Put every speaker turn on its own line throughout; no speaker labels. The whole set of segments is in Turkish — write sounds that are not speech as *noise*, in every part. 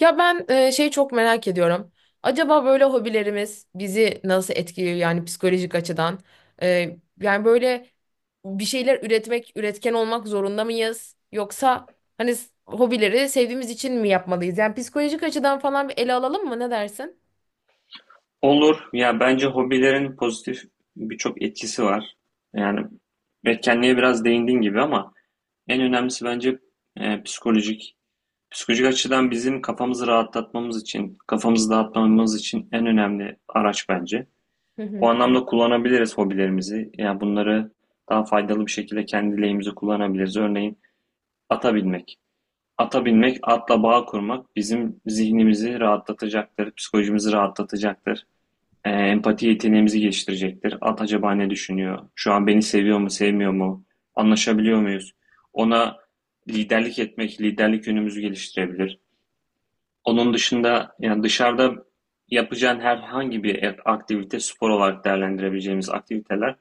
Ya ben şey çok merak ediyorum. Acaba böyle hobilerimiz bizi nasıl etkiliyor, yani psikolojik açıdan? Yani böyle bir şeyler üretmek, üretken olmak zorunda mıyız? Yoksa hobileri sevdiğimiz için mi yapmalıyız? Yani psikolojik açıdan falan bir ele alalım mı? Ne dersin?
Olur. Ya bence hobilerin pozitif birçok etkisi var. Yani etkenliğe biraz değindiğin gibi ama en önemlisi bence psikolojik. Psikolojik açıdan bizim kafamızı rahatlatmamız için, kafamızı dağıtmamamız için en önemli araç bence. O
*laughs*
anlamda kullanabiliriz hobilerimizi. Yani bunları daha faydalı bir şekilde kendi lehimize kullanabiliriz. Örneğin ata binmek. Ata binmek, atla bağ kurmak bizim zihnimizi rahatlatacaktır, psikolojimizi rahatlatacaktır. Empati yeteneğimizi geliştirecektir. At acaba ne düşünüyor? Şu an beni seviyor mu, sevmiyor mu? Anlaşabiliyor muyuz? Ona liderlik etmek, liderlik yönümüzü geliştirebilir. Onun dışında yani dışarıda yapacağın herhangi bir aktivite, spor olarak değerlendirebileceğimiz aktiviteler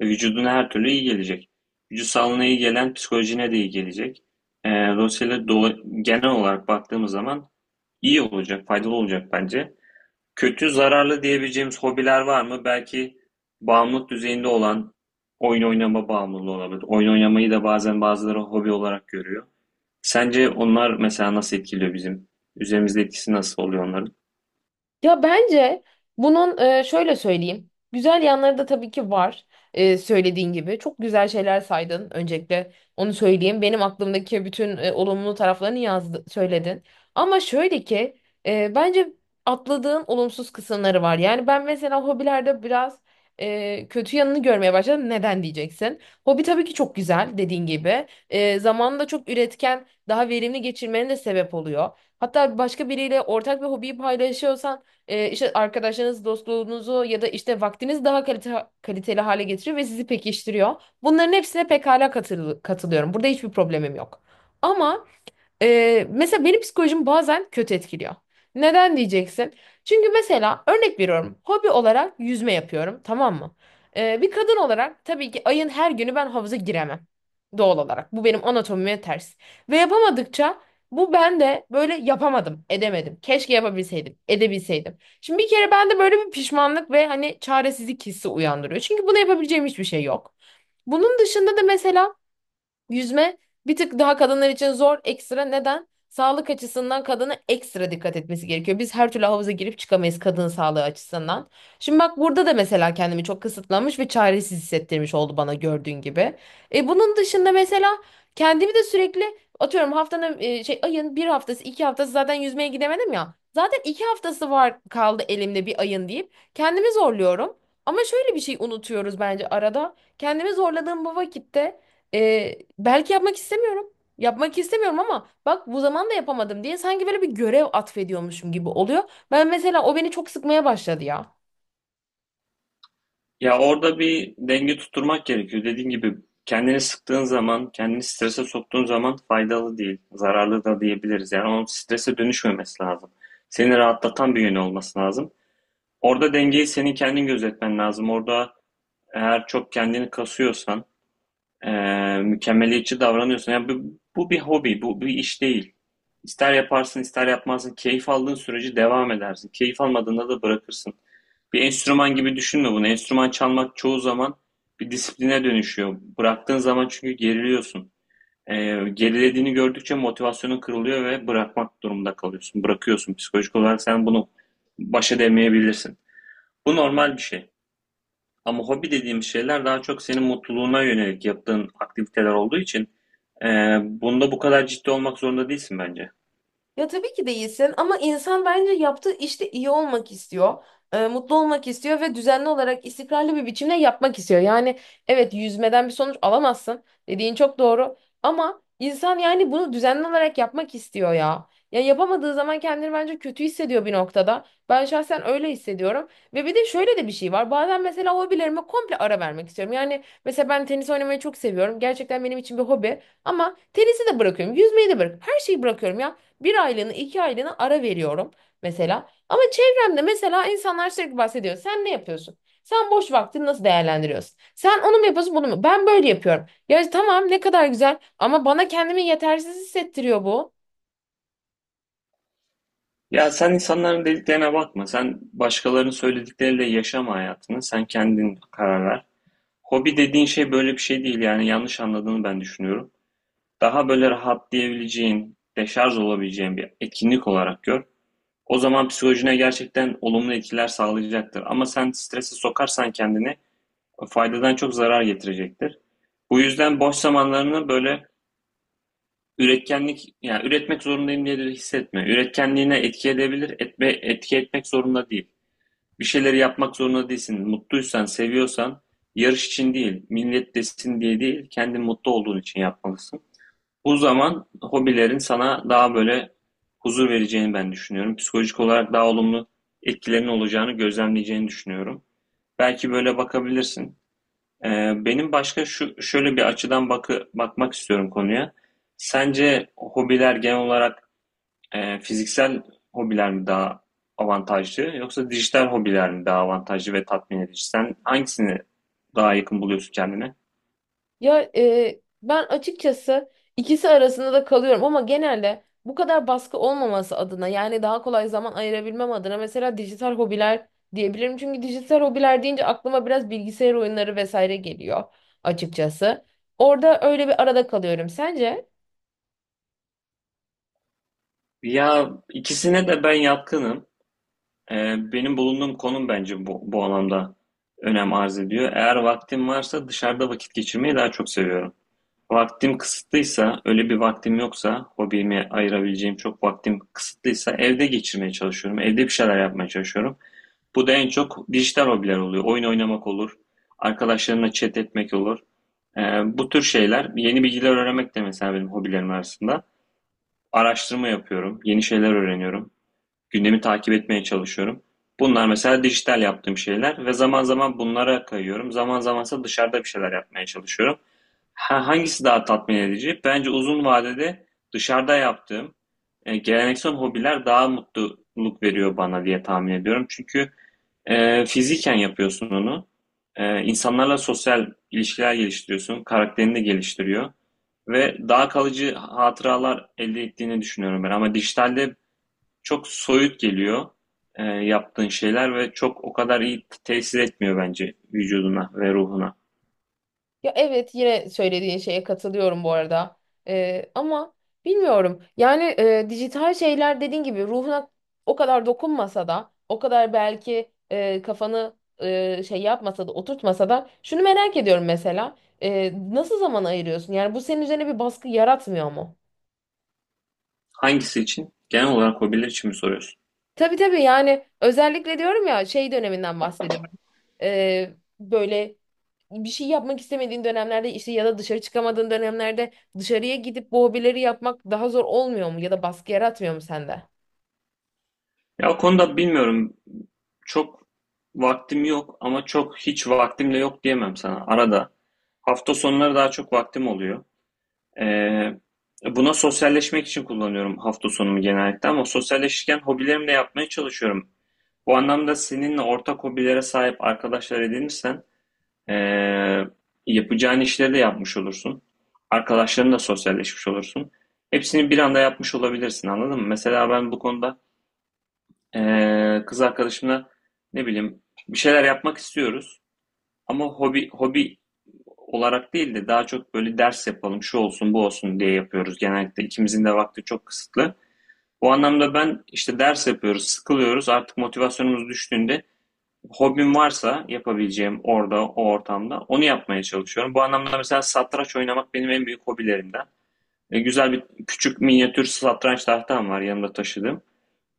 vücuduna her türlü iyi gelecek. Vücut sağlığına iyi gelen psikolojine de iyi gelecek. Dolayısıyla genel olarak baktığımız zaman iyi olacak, faydalı olacak bence. Kötü, zararlı diyebileceğimiz hobiler var mı? Belki bağımlılık düzeyinde olan oyun oynama bağımlılığı olabilir. Oyun oynamayı da bazen bazıları hobi olarak görüyor. Sence onlar mesela nasıl etkiliyor bizim? Üzerimizde etkisi nasıl oluyor onların?
Ya bence şöyle söyleyeyim. Güzel yanları da tabii ki var, e, söylediğin gibi. Çok güzel şeyler saydın. Öncelikle onu söyleyeyim. Benim aklımdaki bütün olumlu taraflarını yazdı, söyledin. Ama şöyle ki, bence atladığın olumsuz kısımları var. Yani ben mesela hobilerde biraz kötü yanını görmeye başladım. Neden diyeceksin? Hobi tabii ki çok güzel, dediğin gibi. Zamanını da çok üretken, daha verimli geçirmenin de sebep oluyor. Hatta başka biriyle ortak bir hobiyi paylaşıyorsan, işte arkadaşlarınız, dostluğunuzu ya da işte vaktiniz daha kaliteli hale getiriyor ve sizi pekiştiriyor. Bunların hepsine pekala katılıyorum. Burada hiçbir problemim yok. Ama mesela benim psikolojim bazen kötü etkiliyor. Neden diyeceksin? Çünkü mesela örnek veriyorum. Hobi olarak yüzme yapıyorum, tamam mı? Bir kadın olarak tabii ki ayın her günü ben havuza giremem. Doğal olarak. Bu benim anatomime ters. Ve yapamadıkça bu bende böyle yapamadım, edemedim. Keşke yapabilseydim, edebilseydim. Şimdi bir kere bende böyle bir pişmanlık ve hani çaresizlik hissi uyandırıyor. Çünkü bunu yapabileceğim hiçbir şey yok. Bunun dışında da mesela yüzme bir tık daha kadınlar için zor, ekstra. Neden? Sağlık açısından kadına ekstra dikkat etmesi gerekiyor. Biz her türlü havuza girip çıkamayız, kadın sağlığı açısından. Şimdi bak, burada da mesela kendimi çok kısıtlamış ve çaresiz hissettirmiş oldu bana, gördüğün gibi. E, bunun dışında mesela kendimi de sürekli atıyorum, haftanın ayın bir haftası iki haftası zaten yüzmeye gidemedim ya. Zaten iki haftası var kaldı elimde bir ayın deyip kendimi zorluyorum. Ama şöyle bir şey unutuyoruz bence arada. Kendimi zorladığım bu vakitte belki yapmak istemiyorum. Yapmak istemiyorum ama bak, bu zaman da yapamadım diye sanki böyle bir görev atfediyormuşum gibi oluyor. Ben mesela o beni çok sıkmaya başladı ya.
Ya orada bir denge tutturmak gerekiyor. Dediğim gibi kendini sıktığın zaman, kendini strese soktuğun zaman faydalı değil, zararlı da diyebiliriz. Yani onun strese dönüşmemesi lazım. Seni rahatlatan bir yönü olması lazım. Orada dengeyi senin kendin gözetmen lazım. Orada eğer çok kendini kasıyorsan, mükemmeliyetçi davranıyorsan, yani bu bir hobi, bu bir iş değil. İster yaparsın, ister yapmazsın. Keyif aldığın sürece devam edersin. Keyif almadığında da bırakırsın. Bir enstrüman gibi düşünme bunu. Enstrüman çalmak çoğu zaman bir disipline dönüşüyor. Bıraktığın zaman çünkü geriliyorsun. Gerilediğini gördükçe motivasyonun kırılıyor ve bırakmak durumunda kalıyorsun. Bırakıyorsun. Psikolojik olarak sen bunu baş edemeyebilirsin. Bu normal bir şey. Ama hobi dediğim şeyler daha çok senin mutluluğuna yönelik yaptığın aktiviteler olduğu için e, bunda bu kadar ciddi olmak zorunda değilsin bence.
Ya tabii ki değilsin ama insan bence yaptığı işte iyi olmak istiyor, mutlu olmak istiyor ve düzenli olarak istikrarlı bir biçimde yapmak istiyor. Yani evet, yüzmeden bir sonuç alamazsın dediğin çok doğru ama insan yani bunu düzenli olarak yapmak istiyor ya. Ya yapamadığı zaman kendini bence kötü hissediyor bir noktada. Ben şahsen öyle hissediyorum ve bir de şöyle de bir şey var. Bazen mesela hobilerime komple ara vermek istiyorum. Yani mesela ben tenis oynamayı çok seviyorum. Gerçekten benim için bir hobi ama tenisi de bırakıyorum, yüzmeyi de bırakıyorum, her şeyi bırakıyorum ya. Bir aylığını iki aylığını ara veriyorum mesela. Ama çevremde mesela insanlar sürekli bahsediyor. Sen ne yapıyorsun? Sen boş vaktini nasıl değerlendiriyorsun? Sen onu mu yapıyorsun bunu mu? Ben böyle yapıyorum. Ya tamam, ne kadar güzel ama bana kendimi yetersiz hissettiriyor bu.
Ya sen insanların dediklerine bakma. Sen başkalarının söyledikleriyle yaşama hayatını. Sen kendin karar ver. Hobi dediğin şey böyle bir şey değil, yani yanlış anladığını ben düşünüyorum. Daha böyle rahatlayabileceğin, deşarj olabileceğin bir etkinlik olarak gör. O zaman psikolojine gerçekten olumlu etkiler sağlayacaktır. Ama sen strese sokarsan kendini faydadan çok zarar getirecektir. Bu yüzden boş zamanlarını böyle üretkenlik, yani üretmek zorundayım diye de hissetme. Üretkenliğine etki edebilir, etme, etki etmek zorunda değil. Bir şeyleri yapmak zorunda değilsin. Mutluysan, seviyorsan, yarış için değil, millet desin diye değil, kendin mutlu olduğun için yapmalısın. Bu zaman hobilerin sana daha böyle huzur vereceğini ben düşünüyorum. Psikolojik olarak daha olumlu etkilerinin olacağını gözlemleyeceğini düşünüyorum. Belki böyle bakabilirsin. Benim başka şu şöyle bir açıdan bakmak istiyorum konuya. Sence hobiler genel olarak fiziksel hobiler mi daha avantajlı, yoksa dijital hobiler mi daha avantajlı ve tatmin edici? Sen hangisini daha yakın buluyorsun kendine?
Ya ben açıkçası ikisi arasında da kalıyorum ama genelde bu kadar baskı olmaması adına, yani daha kolay zaman ayırabilmem adına mesela dijital hobiler diyebilirim. Çünkü dijital hobiler deyince aklıma biraz bilgisayar oyunları vesaire geliyor açıkçası. Orada öyle bir arada kalıyorum. Sence?
Ya ikisine de ben yatkınım. Benim bulunduğum konum bence bu anlamda önem arz ediyor. Eğer vaktim varsa dışarıda vakit geçirmeyi daha çok seviyorum. Vaktim kısıtlıysa, öyle bir vaktim yoksa, hobime ayırabileceğim çok vaktim kısıtlıysa evde geçirmeye çalışıyorum. Evde bir şeyler yapmaya çalışıyorum. Bu da en çok dijital hobiler oluyor. Oyun oynamak olur, arkadaşlarımla chat etmek olur. Bu tür şeyler, yeni bilgiler öğrenmek de mesela benim hobilerim arasında. Araştırma yapıyorum, yeni şeyler öğreniyorum, gündemi takip etmeye çalışıyorum. Bunlar mesela dijital yaptığım şeyler ve zaman zaman bunlara kayıyorum. Zaman zamansa dışarıda bir şeyler yapmaya çalışıyorum. Ha, hangisi daha tatmin edici? Bence uzun vadede dışarıda yaptığım geleneksel hobiler daha mutluluk veriyor bana diye tahmin ediyorum. Çünkü fiziken yapıyorsun onu. İnsanlarla sosyal ilişkiler geliştiriyorsun. Karakterini de geliştiriyor. Ve daha kalıcı hatıralar elde ettiğini düşünüyorum ben. Ama dijitalde çok soyut geliyor yaptığın şeyler ve çok o kadar iyi tesir etmiyor bence vücuduna ve ruhuna.
Ya evet, yine söylediğin şeye katılıyorum bu arada. Ama bilmiyorum. Yani dijital şeyler dediğin gibi ruhuna o kadar dokunmasa da, o kadar belki kafanı yapmasa da oturtmasa da şunu merak ediyorum mesela. Nasıl zaman ayırıyorsun? Yani bu senin üzerine bir baskı yaratmıyor mu?
Hangisi için? Genel olarak hobiler için mi soruyorsun?
Tabii tabii, yani özellikle diyorum ya, şey döneminden bahsediyorum. Böyle bir şey yapmak istemediğin dönemlerde işte, ya da dışarı çıkamadığın dönemlerde dışarıya gidip bu hobileri yapmak daha zor olmuyor mu ya da baskı yaratmıyor mu sende?
Ya o konuda bilmiyorum. Çok vaktim yok ama çok hiç vaktim de yok diyemem sana. Arada. Hafta sonları daha çok vaktim oluyor. Ee, Buna sosyalleşmek için kullanıyorum hafta sonumu genellikle, ama sosyalleşirken hobilerimi de yapmaya çalışıyorum. Bu anlamda seninle ortak hobilere sahip arkadaşlar edinirsen Ee, yapacağın işleri de yapmış olursun. Arkadaşlarınla sosyalleşmiş olursun. Hepsini bir anda yapmış olabilirsin, anladın mı? Mesela ben bu konuda kız arkadaşımla, ne bileyim, bir şeyler yapmak istiyoruz. Ama hobi olarak değil de daha çok böyle ders yapalım, şu olsun, bu olsun diye yapıyoruz. Genellikle ikimizin de vakti çok kısıtlı. O anlamda ben işte ders yapıyoruz, sıkılıyoruz. Artık motivasyonumuz düştüğünde hobim varsa yapabileceğim orada, o ortamda onu yapmaya çalışıyorum. Bu anlamda mesela satranç oynamak benim en büyük hobilerimden. Güzel bir küçük minyatür satranç tahtam var yanımda taşıdığım.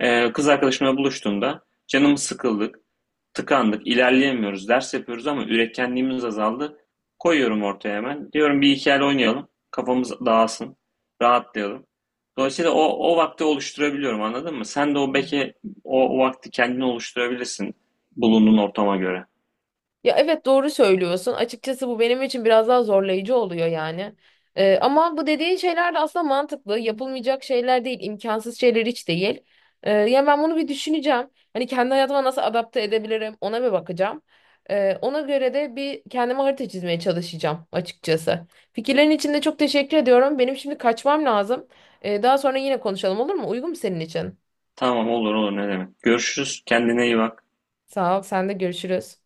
Kız arkadaşımla buluştuğumda canımız sıkıldık, tıkandık, ilerleyemiyoruz, ders yapıyoruz ama üretkenliğimiz azaldı. Koyuyorum ortaya hemen. Diyorum bir hikaye oynayalım, kafamız dağılsın, rahatlayalım. Dolayısıyla o vakti oluşturabiliyorum, anladın mı? Sen de o belki o vakti kendine oluşturabilirsin bulunduğun ortama göre.
Ya evet, doğru söylüyorsun. Açıkçası bu benim için biraz daha zorlayıcı oluyor yani. Ama bu dediğin şeyler de aslında mantıklı. Yapılmayacak şeyler değil, imkansız şeyler hiç değil. Ya ben bunu bir düşüneceğim. Hani kendi hayatıma nasıl adapte edebilirim, ona bir bakacağım. Ona göre de bir kendime harita çizmeye çalışacağım açıkçası. Fikirlerin için de çok teşekkür ediyorum. Benim şimdi kaçmam lazım. Daha sonra yine konuşalım, olur mu? Uygun mu senin için?
Tamam, olur olur, ne demek. Görüşürüz. Kendine iyi bak.
Sağ ol, sen de, görüşürüz.